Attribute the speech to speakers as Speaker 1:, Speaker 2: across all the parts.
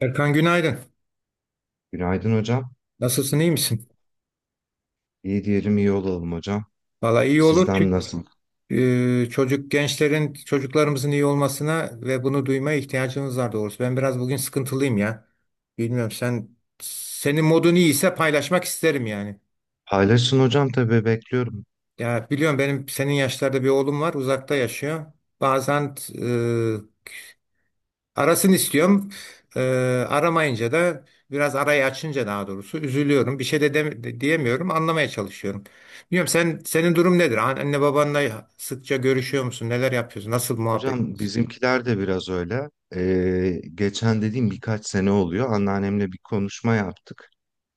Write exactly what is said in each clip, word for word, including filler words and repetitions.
Speaker 1: Erkan günaydın.
Speaker 2: Günaydın hocam.
Speaker 1: Nasılsın, iyi misin?
Speaker 2: İyi diyelim, iyi olalım hocam.
Speaker 1: Valla iyi olur
Speaker 2: Sizden
Speaker 1: çünkü
Speaker 2: nasıl?
Speaker 1: e, çocuk gençlerin, çocuklarımızın iyi olmasına ve bunu duymaya ihtiyacımız var doğrusu. Ben biraz bugün sıkıntılıyım ya. Bilmiyorum sen, senin modun iyiyse paylaşmak isterim yani.
Speaker 2: Paylaşın hocam, tabii bekliyorum.
Speaker 1: Ya biliyorum benim senin yaşlarda bir oğlum var, uzakta yaşıyor. Bazen e, arasını istiyorum. Ee, Aramayınca da biraz arayı açınca daha doğrusu üzülüyorum. Bir şey de, dem- de- diyemiyorum. Anlamaya çalışıyorum. Bilmiyorum sen senin durum nedir? An- Anne babanla sıkça görüşüyor musun? Neler yapıyorsun? Nasıl muhabbet?
Speaker 2: Hocam bizimkiler de biraz öyle. Ee, geçen dediğim birkaç sene oluyor. Anneannemle bir konuşma yaptık.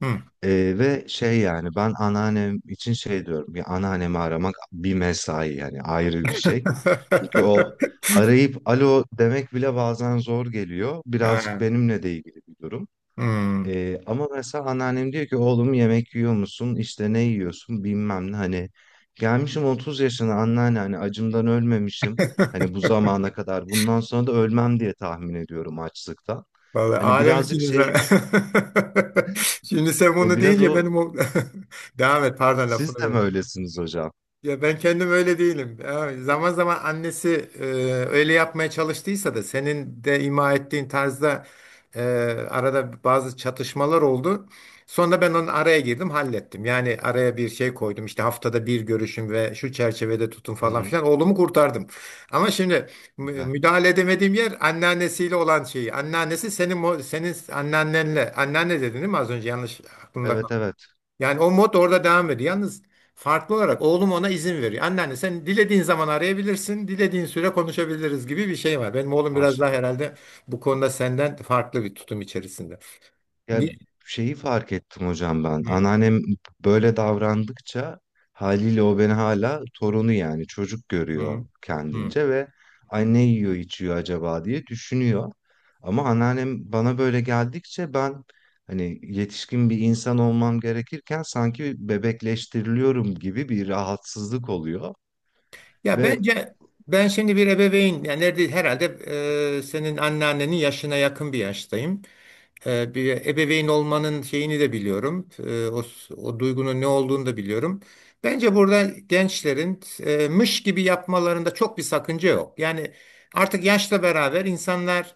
Speaker 1: Hı.
Speaker 2: Ee, ve şey, yani ben anneannem için şey diyorum ya, anneannemi aramak bir mesai, yani ayrı bir şey. Çünkü o, arayıp alo demek bile bazen zor geliyor. Birazcık
Speaker 1: Ha,
Speaker 2: benimle de ilgili bir durum.
Speaker 1: hmm.
Speaker 2: Ee, ama mesela anneannem diyor ki oğlum yemek yiyor musun? İşte ne yiyorsun? Bilmem ne. Hani gelmişim otuz yaşına anneanne, hani acımdan ölmemişim. Hani bu zamana kadar, bundan sonra da ölmem diye tahmin ediyorum açlıktan.
Speaker 1: Vallahi
Speaker 2: Hani birazcık
Speaker 1: alemsiniz ha.
Speaker 2: şey,
Speaker 1: Şimdi sen
Speaker 2: e,
Speaker 1: bunu
Speaker 2: biraz
Speaker 1: deyince
Speaker 2: o,
Speaker 1: benim o... Devam et, pardon,
Speaker 2: siz de mi
Speaker 1: lafını.
Speaker 2: öylesiniz hocam?
Speaker 1: Ya ben kendim öyle değilim. Ya zaman zaman annesi e, öyle yapmaya çalıştıysa da senin de ima ettiğin tarzda e, arada bazı çatışmalar oldu. Sonra ben onun araya girdim, hallettim. Yani araya bir şey koydum. İşte haftada bir görüşüm ve şu çerçevede tutun
Speaker 2: Hı
Speaker 1: falan
Speaker 2: hı,
Speaker 1: filan. Oğlumu kurtardım. Ama şimdi mü-
Speaker 2: güzel.
Speaker 1: müdahale edemediğim yer anneannesiyle olan şeyi. Anneannesi senin mo- senin anneannenle. Anneanne dedin değil mi az önce? Yanlış aklımda.
Speaker 2: Evet, evet,
Speaker 1: Yani o mod orada devam ediyor. Yalnız farklı olarak oğlum ona izin veriyor. Anneanne sen dilediğin zaman arayabilirsin, dilediğin süre konuşabiliriz gibi bir şey var. Benim oğlum biraz daha
Speaker 2: maşallah.
Speaker 1: herhalde bu konuda senden farklı bir tutum içerisinde.
Speaker 2: Ya
Speaker 1: Bir...
Speaker 2: şeyi fark ettim hocam ben.
Speaker 1: Hı,
Speaker 2: Anneannem böyle davrandıkça, haliyle o beni hala torunu, yani çocuk görüyor
Speaker 1: hı, hı.
Speaker 2: kendince ve ay ne yiyor içiyor acaba diye düşünüyor. Ama anneannem bana böyle geldikçe ben, hani yetişkin bir insan olmam gerekirken sanki bebekleştiriliyorum gibi bir rahatsızlık oluyor.
Speaker 1: Ya
Speaker 2: Ve
Speaker 1: bence ben şimdi bir ebeveyn yani nerede herhalde e, senin anneannenin yaşına yakın bir yaştayım. E, bir ebeveyn olmanın şeyini de biliyorum. E, o, o duygunun ne olduğunu da biliyorum. Bence burada gençlerin e, mış gibi yapmalarında çok bir sakınca yok. Yani artık yaşla beraber insanlar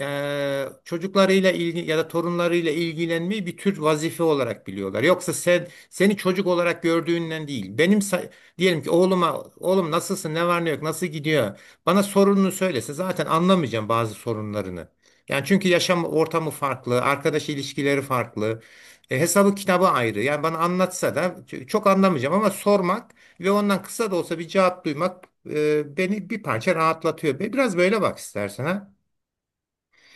Speaker 1: e, çocuklarıyla ilgi ya da torunlarıyla ilgilenmeyi bir tür vazife olarak biliyorlar. Yoksa sen seni çocuk olarak gördüğünden değil. Benim sa- Diyelim ki oğluma oğlum nasılsın ne var ne yok nasıl gidiyor, bana sorununu söylese zaten anlamayacağım bazı sorunlarını. Yani çünkü yaşam ortamı farklı, arkadaş ilişkileri farklı, e, hesabı kitabı ayrı. Yani bana anlatsa da ç- çok anlamayacağım ama sormak ve ondan kısa da olsa bir cevap duymak e, beni bir parça rahatlatıyor. Be- Biraz böyle bak istersen ha.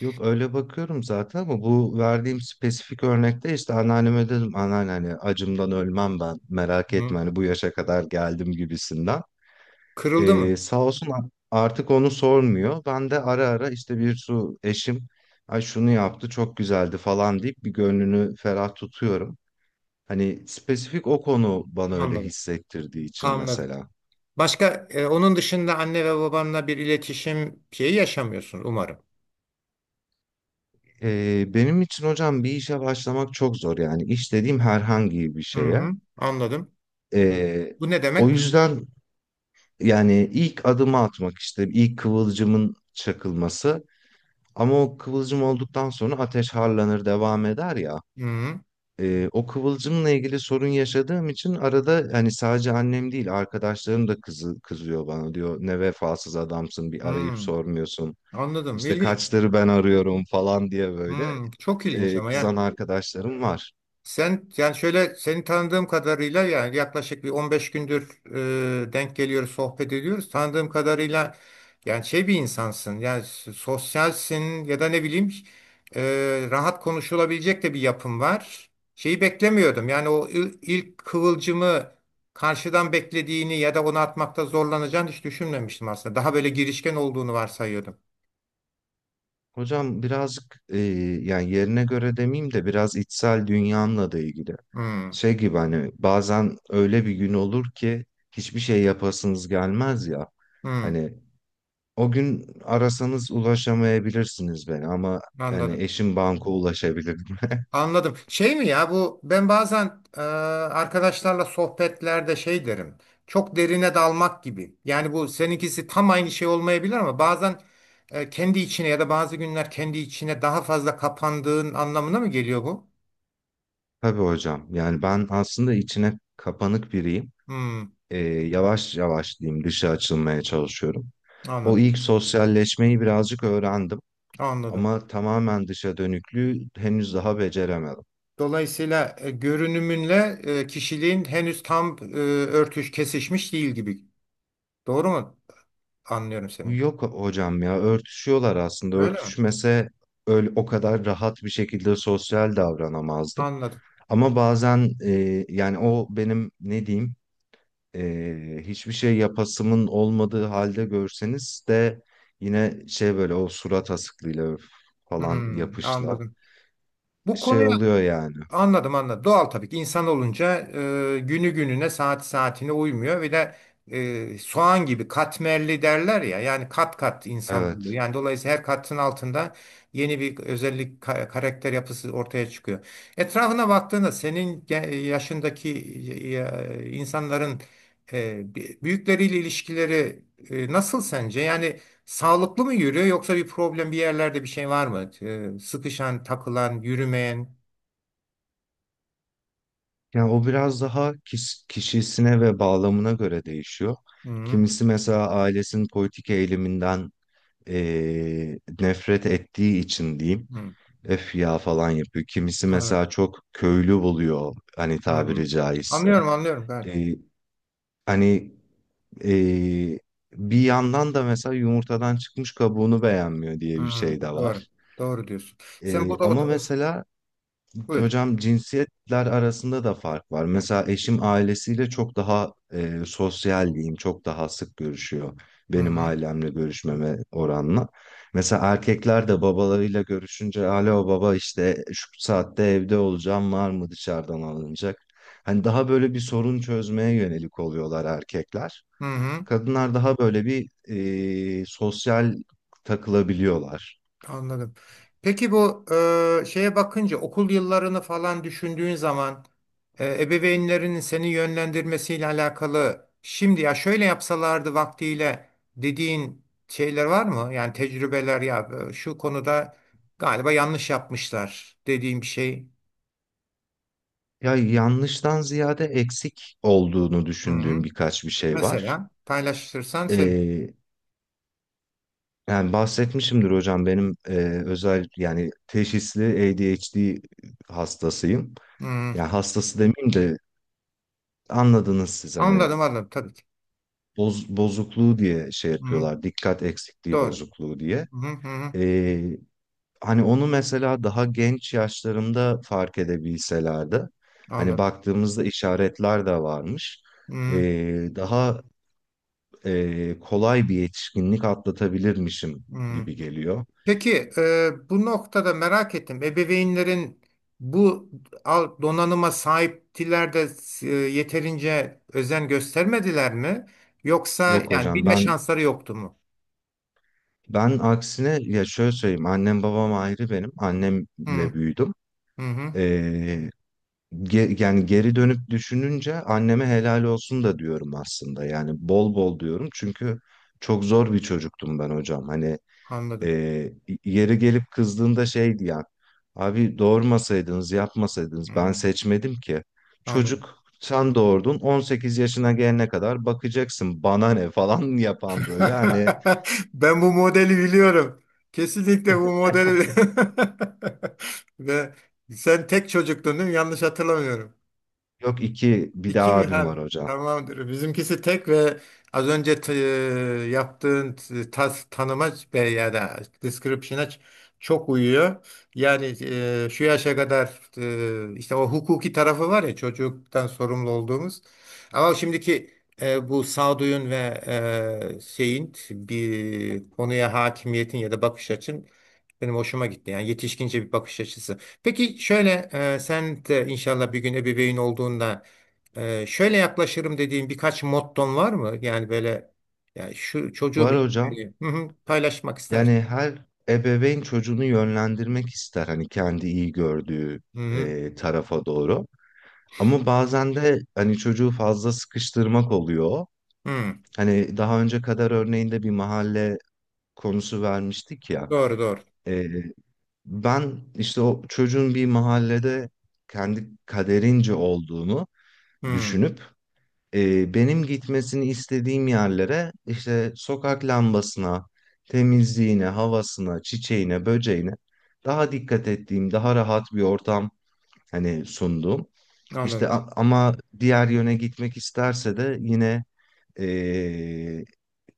Speaker 2: yok, öyle bakıyorum zaten ama bu verdiğim spesifik örnekte işte anneanneme dedim anneanne hani acımdan ölmem ben, merak
Speaker 1: Hı.
Speaker 2: etme, hani bu yaşa kadar geldim gibisinden.
Speaker 1: Kırıldı
Speaker 2: Ee,
Speaker 1: mı?
Speaker 2: sağ olsun, a- artık onu sormuyor. Ben de ara ara işte bir su, eşim ay şunu yaptı çok güzeldi falan deyip bir gönlünü ferah tutuyorum. Hani spesifik o konu bana öyle
Speaker 1: Anladım.
Speaker 2: hissettirdiği için
Speaker 1: Anladım.
Speaker 2: mesela.
Speaker 1: Başka e, onun dışında anne ve babanla bir iletişim şeyi yaşamıyorsun umarım.
Speaker 2: Ee, benim için hocam bir işe başlamak çok zor, yani iş dediğim herhangi bir
Speaker 1: Hı
Speaker 2: şeye.
Speaker 1: hı, anladım.
Speaker 2: Ee,
Speaker 1: Bu ne
Speaker 2: O
Speaker 1: demek?
Speaker 2: yüzden, yani ilk adımı atmak, işte ilk kıvılcımın çakılması, ama o kıvılcım olduktan sonra ateş harlanır, devam eder ya.
Speaker 1: Hmm,
Speaker 2: E, o kıvılcımla ilgili sorun yaşadığım için arada, hani sadece annem değil, arkadaşlarım da kızı, kızıyor bana, diyor ne vefasız adamsın, bir arayıp
Speaker 1: hmm,
Speaker 2: sormuyorsun.
Speaker 1: anladım.
Speaker 2: İşte
Speaker 1: İlginç.
Speaker 2: kaçları ben arıyorum falan diye böyle,
Speaker 1: Hmm, çok ilginç
Speaker 2: e,
Speaker 1: ama yani
Speaker 2: kızan arkadaşlarım var.
Speaker 1: sen yani şöyle seni tanıdığım kadarıyla yani yaklaşık bir on beş gündür e, denk geliyoruz, sohbet ediyoruz. Tanıdığım kadarıyla yani şey bir insansın. Yani s- sosyalsin ya da ne bileyim e, rahat konuşulabilecek de bir yapım var. Şeyi beklemiyordum. Yani o il- ilk kıvılcımı karşıdan beklediğini ya da onu atmakta zorlanacağını hiç düşünmemiştim aslında. Daha böyle girişken olduğunu varsayıyordum.
Speaker 2: Hocam birazcık, e, yani yerine göre demeyeyim de, biraz içsel dünyamla da ilgili.
Speaker 1: Hmm,
Speaker 2: Şey gibi, hani bazen öyle bir gün olur ki hiçbir şey yapasınız gelmez ya.
Speaker 1: hmm,
Speaker 2: Hani o gün arasanız ulaşamayabilirsiniz beni, ama hani
Speaker 1: anladım.
Speaker 2: eşim banka ulaşabilir.
Speaker 1: Anladım. Şey mi ya bu, ben bazen e, arkadaşlarla sohbetlerde şey derim. Çok derine dalmak gibi. Yani bu seninkisi tam aynı şey olmayabilir ama bazen e, kendi içine ya da bazı günler kendi içine daha fazla kapandığın anlamına mı geliyor bu?
Speaker 2: Tabii hocam. Yani ben aslında içine kapanık biriyim.
Speaker 1: Hmm,
Speaker 2: Ee, yavaş yavaş diyeyim, dışa açılmaya çalışıyorum. O
Speaker 1: anladım.
Speaker 2: ilk sosyalleşmeyi birazcık öğrendim
Speaker 1: Anladım.
Speaker 2: ama tamamen dışa dönüklüğü henüz daha beceremedim.
Speaker 1: Dolayısıyla e, görünümünle e, kişiliğin henüz tam e, örtüş kesişmiş değil gibi. Doğru mu? Anlıyorum seni.
Speaker 2: Yok hocam ya, örtüşüyorlar aslında.
Speaker 1: Öyle mi?
Speaker 2: Örtüşmese öyle o kadar rahat bir şekilde sosyal davranamazdım.
Speaker 1: Anladım.
Speaker 2: Ama bazen, e, yani o benim ne diyeyim, e, hiçbir şey yapasımın olmadığı halde görseniz de yine şey, böyle o surat asıklığıyla öf falan
Speaker 1: Hmm,
Speaker 2: yapışla
Speaker 1: anladım. Bu
Speaker 2: şey
Speaker 1: konuya
Speaker 2: oluyor yani.
Speaker 1: anladım, anladım. Doğal tabii ki insan olunca e, günü gününe saat saatine uymuyor ve de e, soğan gibi katmerli derler ya yani kat kat insan oluyor.
Speaker 2: Evet.
Speaker 1: Yani dolayısıyla her katın altında yeni bir özellik ka- karakter yapısı ortaya çıkıyor. Etrafına baktığında senin ge- yaşındaki e, insanların e, bi- büyükleriyle ilişkileri e, nasıl sence? Yani sağlıklı mı yürüyor yoksa bir problem bir yerlerde bir şey var mı? E, sıkışan, takılan, yürümeyen.
Speaker 2: Yani o biraz daha kis- kişisine ve bağlamına göre değişiyor.
Speaker 1: Hı hı.
Speaker 2: Kimisi mesela ailesinin politik eğiliminden eee, nefret ettiği için diyeyim,
Speaker 1: Hı.
Speaker 2: öf ya falan yapıyor. Kimisi
Speaker 1: Anladım.
Speaker 2: mesela çok köylü buluyor, hani
Speaker 1: Hı.
Speaker 2: tabiri caizse.
Speaker 1: Anlıyorum anlıyorum gayet.
Speaker 2: Eee, hani eee, Bir yandan da mesela yumurtadan çıkmış kabuğunu beğenmiyor diye bir
Speaker 1: Hı.
Speaker 2: şey de
Speaker 1: Doğru.
Speaker 2: var.
Speaker 1: Doğru diyorsun. Sen
Speaker 2: Eee,
Speaker 1: bu da o,
Speaker 2: ama
Speaker 1: o-
Speaker 2: mesela
Speaker 1: buyur.
Speaker 2: hocam cinsiyetler arasında da fark var. Mesela eşim ailesiyle çok daha, e, sosyal diyeyim, çok daha sık görüşüyor
Speaker 1: Hı
Speaker 2: benim
Speaker 1: hı.
Speaker 2: ailemle görüşmeme oranla. Mesela erkekler de babalarıyla görüşünce alo baba işte şu saatte evde olacağım, var mı dışarıdan alınacak? Hani daha böyle bir sorun çözmeye yönelik oluyorlar erkekler.
Speaker 1: Hı hı.
Speaker 2: Kadınlar daha böyle bir, e, sosyal takılabiliyorlar.
Speaker 1: Anladım. Peki bu e, şeye bakınca okul yıllarını falan düşündüğün zaman e, ebeveynlerinin seni yönlendirmesiyle alakalı şimdi ya şöyle yapsalardı vaktiyle dediğin şeyler var mı? Yani tecrübeler ya e, şu konuda galiba yanlış yapmışlar dediğim bir şey.
Speaker 2: Ya yanlıştan ziyade eksik olduğunu
Speaker 1: Hı
Speaker 2: düşündüğüm
Speaker 1: hı.
Speaker 2: birkaç bir şey var.
Speaker 1: Mesela paylaşırsan sevinirim.
Speaker 2: Ee, Yani bahsetmişimdir hocam benim, e, özel yani teşhisli A D H D hastasıyım.
Speaker 1: Hmm,
Speaker 2: Yani hastası demeyeyim de, anladınız siz hani
Speaker 1: anladım anladım tabii ki.
Speaker 2: boz- bozukluğu diye şey
Speaker 1: Hmm,
Speaker 2: yapıyorlar. Dikkat eksikliği
Speaker 1: doğru.
Speaker 2: bozukluğu diye.
Speaker 1: Hmm, hmm,
Speaker 2: Ee, Hani onu mesela daha genç yaşlarımda fark edebilselerdi. Hani
Speaker 1: anladım.
Speaker 2: baktığımızda işaretler de varmış, e,
Speaker 1: Hmm,
Speaker 2: daha e, kolay bir yetişkinlik atlatabilirmişim
Speaker 1: hmm.
Speaker 2: gibi geliyor.
Speaker 1: Peki e, bu noktada merak ettim. Ebeveynlerin bu al- donanıma sahiptiler de e, yeterince özen göstermediler mi? Yoksa
Speaker 2: Yok
Speaker 1: yani
Speaker 2: hocam,
Speaker 1: bilme
Speaker 2: ben
Speaker 1: şansları yoktu mu?
Speaker 2: ben aksine ya şöyle söyleyeyim, annem babam ayrı, benim
Speaker 1: Hmm,
Speaker 2: annemle büyüdüm.
Speaker 1: hı hı,
Speaker 2: Ee, ge- Yani geri dönüp düşününce anneme helal olsun da diyorum aslında, yani bol bol diyorum, çünkü çok zor bir çocuktum ben hocam hani.
Speaker 1: anladım.
Speaker 2: Ee, Yeri gelip kızdığında şey diyen, abi doğurmasaydınız, yapmasaydınız, ben
Speaker 1: Hmm,
Speaker 2: seçmedim ki.
Speaker 1: anladım.
Speaker 2: Çocuk sen doğurdun, on sekiz yaşına gelene kadar bakacaksın bana ne falan yapan böyle hani.
Speaker 1: Ben bu modeli biliyorum. Kesinlikle bu modeli. Ve sen tek çocuktun değil mi? Yanlış hatırlamıyorum.
Speaker 2: Yok, iki, bir
Speaker 1: İki
Speaker 2: daha
Speaker 1: mi?
Speaker 2: abim
Speaker 1: Ha,
Speaker 2: var hocam.
Speaker 1: tamamdır. Bizimkisi tek ve az önce t- e, yaptığın t- tas, tanıma ve ya da description'a ç- çok uyuyor. Yani e, şu yaşa kadar e, işte o hukuki tarafı var ya çocuktan sorumlu olduğumuz. Ama şimdiki e, bu sağduyun ve e, şeyin bir konuya hakimiyetin ya da bakış açın benim hoşuma gitti. Yani yetişkince bir bakış açısı. Peki şöyle e, sen de inşallah bir gün ebeveyn olduğunda ee, şöyle yaklaşırım dediğin birkaç motton var mı? Yani böyle yani şu çocuğum
Speaker 2: Var
Speaker 1: için
Speaker 2: hocam,
Speaker 1: söyleyeyim. Hı hı, paylaşmak istersin.
Speaker 2: yani her ebeveyn çocuğunu yönlendirmek ister, hani kendi iyi gördüğü,
Speaker 1: Hı hı,
Speaker 2: e, tarafa doğru. Ama bazen de hani çocuğu fazla sıkıştırmak oluyor.
Speaker 1: hı.
Speaker 2: Hani daha önce kadar örneğinde bir mahalle konusu vermiştik ya.
Speaker 1: Doğru doğru.
Speaker 2: Ee, Ben işte o çocuğun bir mahallede kendi kaderince olduğunu
Speaker 1: Hı,
Speaker 2: düşünüp, e, benim gitmesini istediğim yerlere, işte sokak lambasına, temizliğine, havasına, çiçeğine, böceğine daha dikkat ettiğim, daha rahat bir ortam hani sunduğum. İşte
Speaker 1: anladım.
Speaker 2: a- ama diğer yöne gitmek isterse de yine e,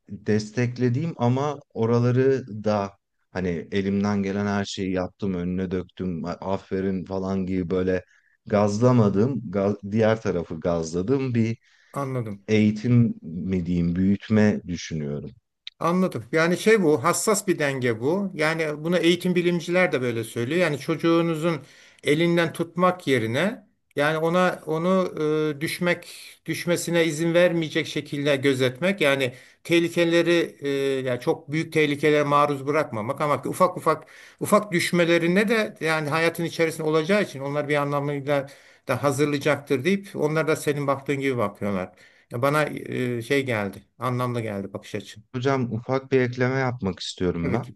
Speaker 2: desteklediğim, ama oraları da hani elimden gelen her şeyi yaptım, önüne döktüm, aferin falan gibi böyle gazlamadım, gaz- diğer tarafı gazladım. Bir
Speaker 1: Anladım.
Speaker 2: eğitim mi diyeyim, büyütme düşünüyorum.
Speaker 1: Anladım. Yani şey bu, hassas bir denge bu. Yani buna eğitim bilimciler de böyle söylüyor. Yani çocuğunuzun elinden tutmak yerine yani ona onu e, düşmek düşmesine izin vermeyecek şekilde gözetmek. Yani tehlikeleri e, yani çok büyük tehlikelere maruz bırakmamak ama ufak ufak ufak düşmelerine de yani hayatın içerisinde olacağı için onlar bir anlamıyla da hazırlayacaktır deyip onlar da senin baktığın gibi bakıyorlar. Ya bana e, şey geldi, anlamlı geldi bakış açın.
Speaker 2: Hocam ufak bir ekleme yapmak istiyorum
Speaker 1: Tabii
Speaker 2: ben.
Speaker 1: ki.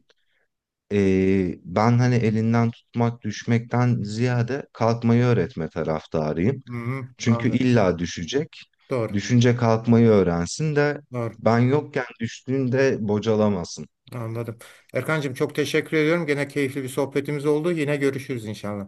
Speaker 2: Ee, ben hani elinden tutmak, düşmekten ziyade kalkmayı öğretme taraftarıyım.
Speaker 1: Hı-hı,
Speaker 2: Çünkü
Speaker 1: anladım.
Speaker 2: illa düşecek.
Speaker 1: Doğru.
Speaker 2: Düşünce kalkmayı öğrensin de
Speaker 1: Doğru.
Speaker 2: ben yokken düştüğünde bocalamasın.
Speaker 1: Anladım. Erkancığım çok teşekkür ediyorum. Gene keyifli bir sohbetimiz oldu. Yine görüşürüz inşallah.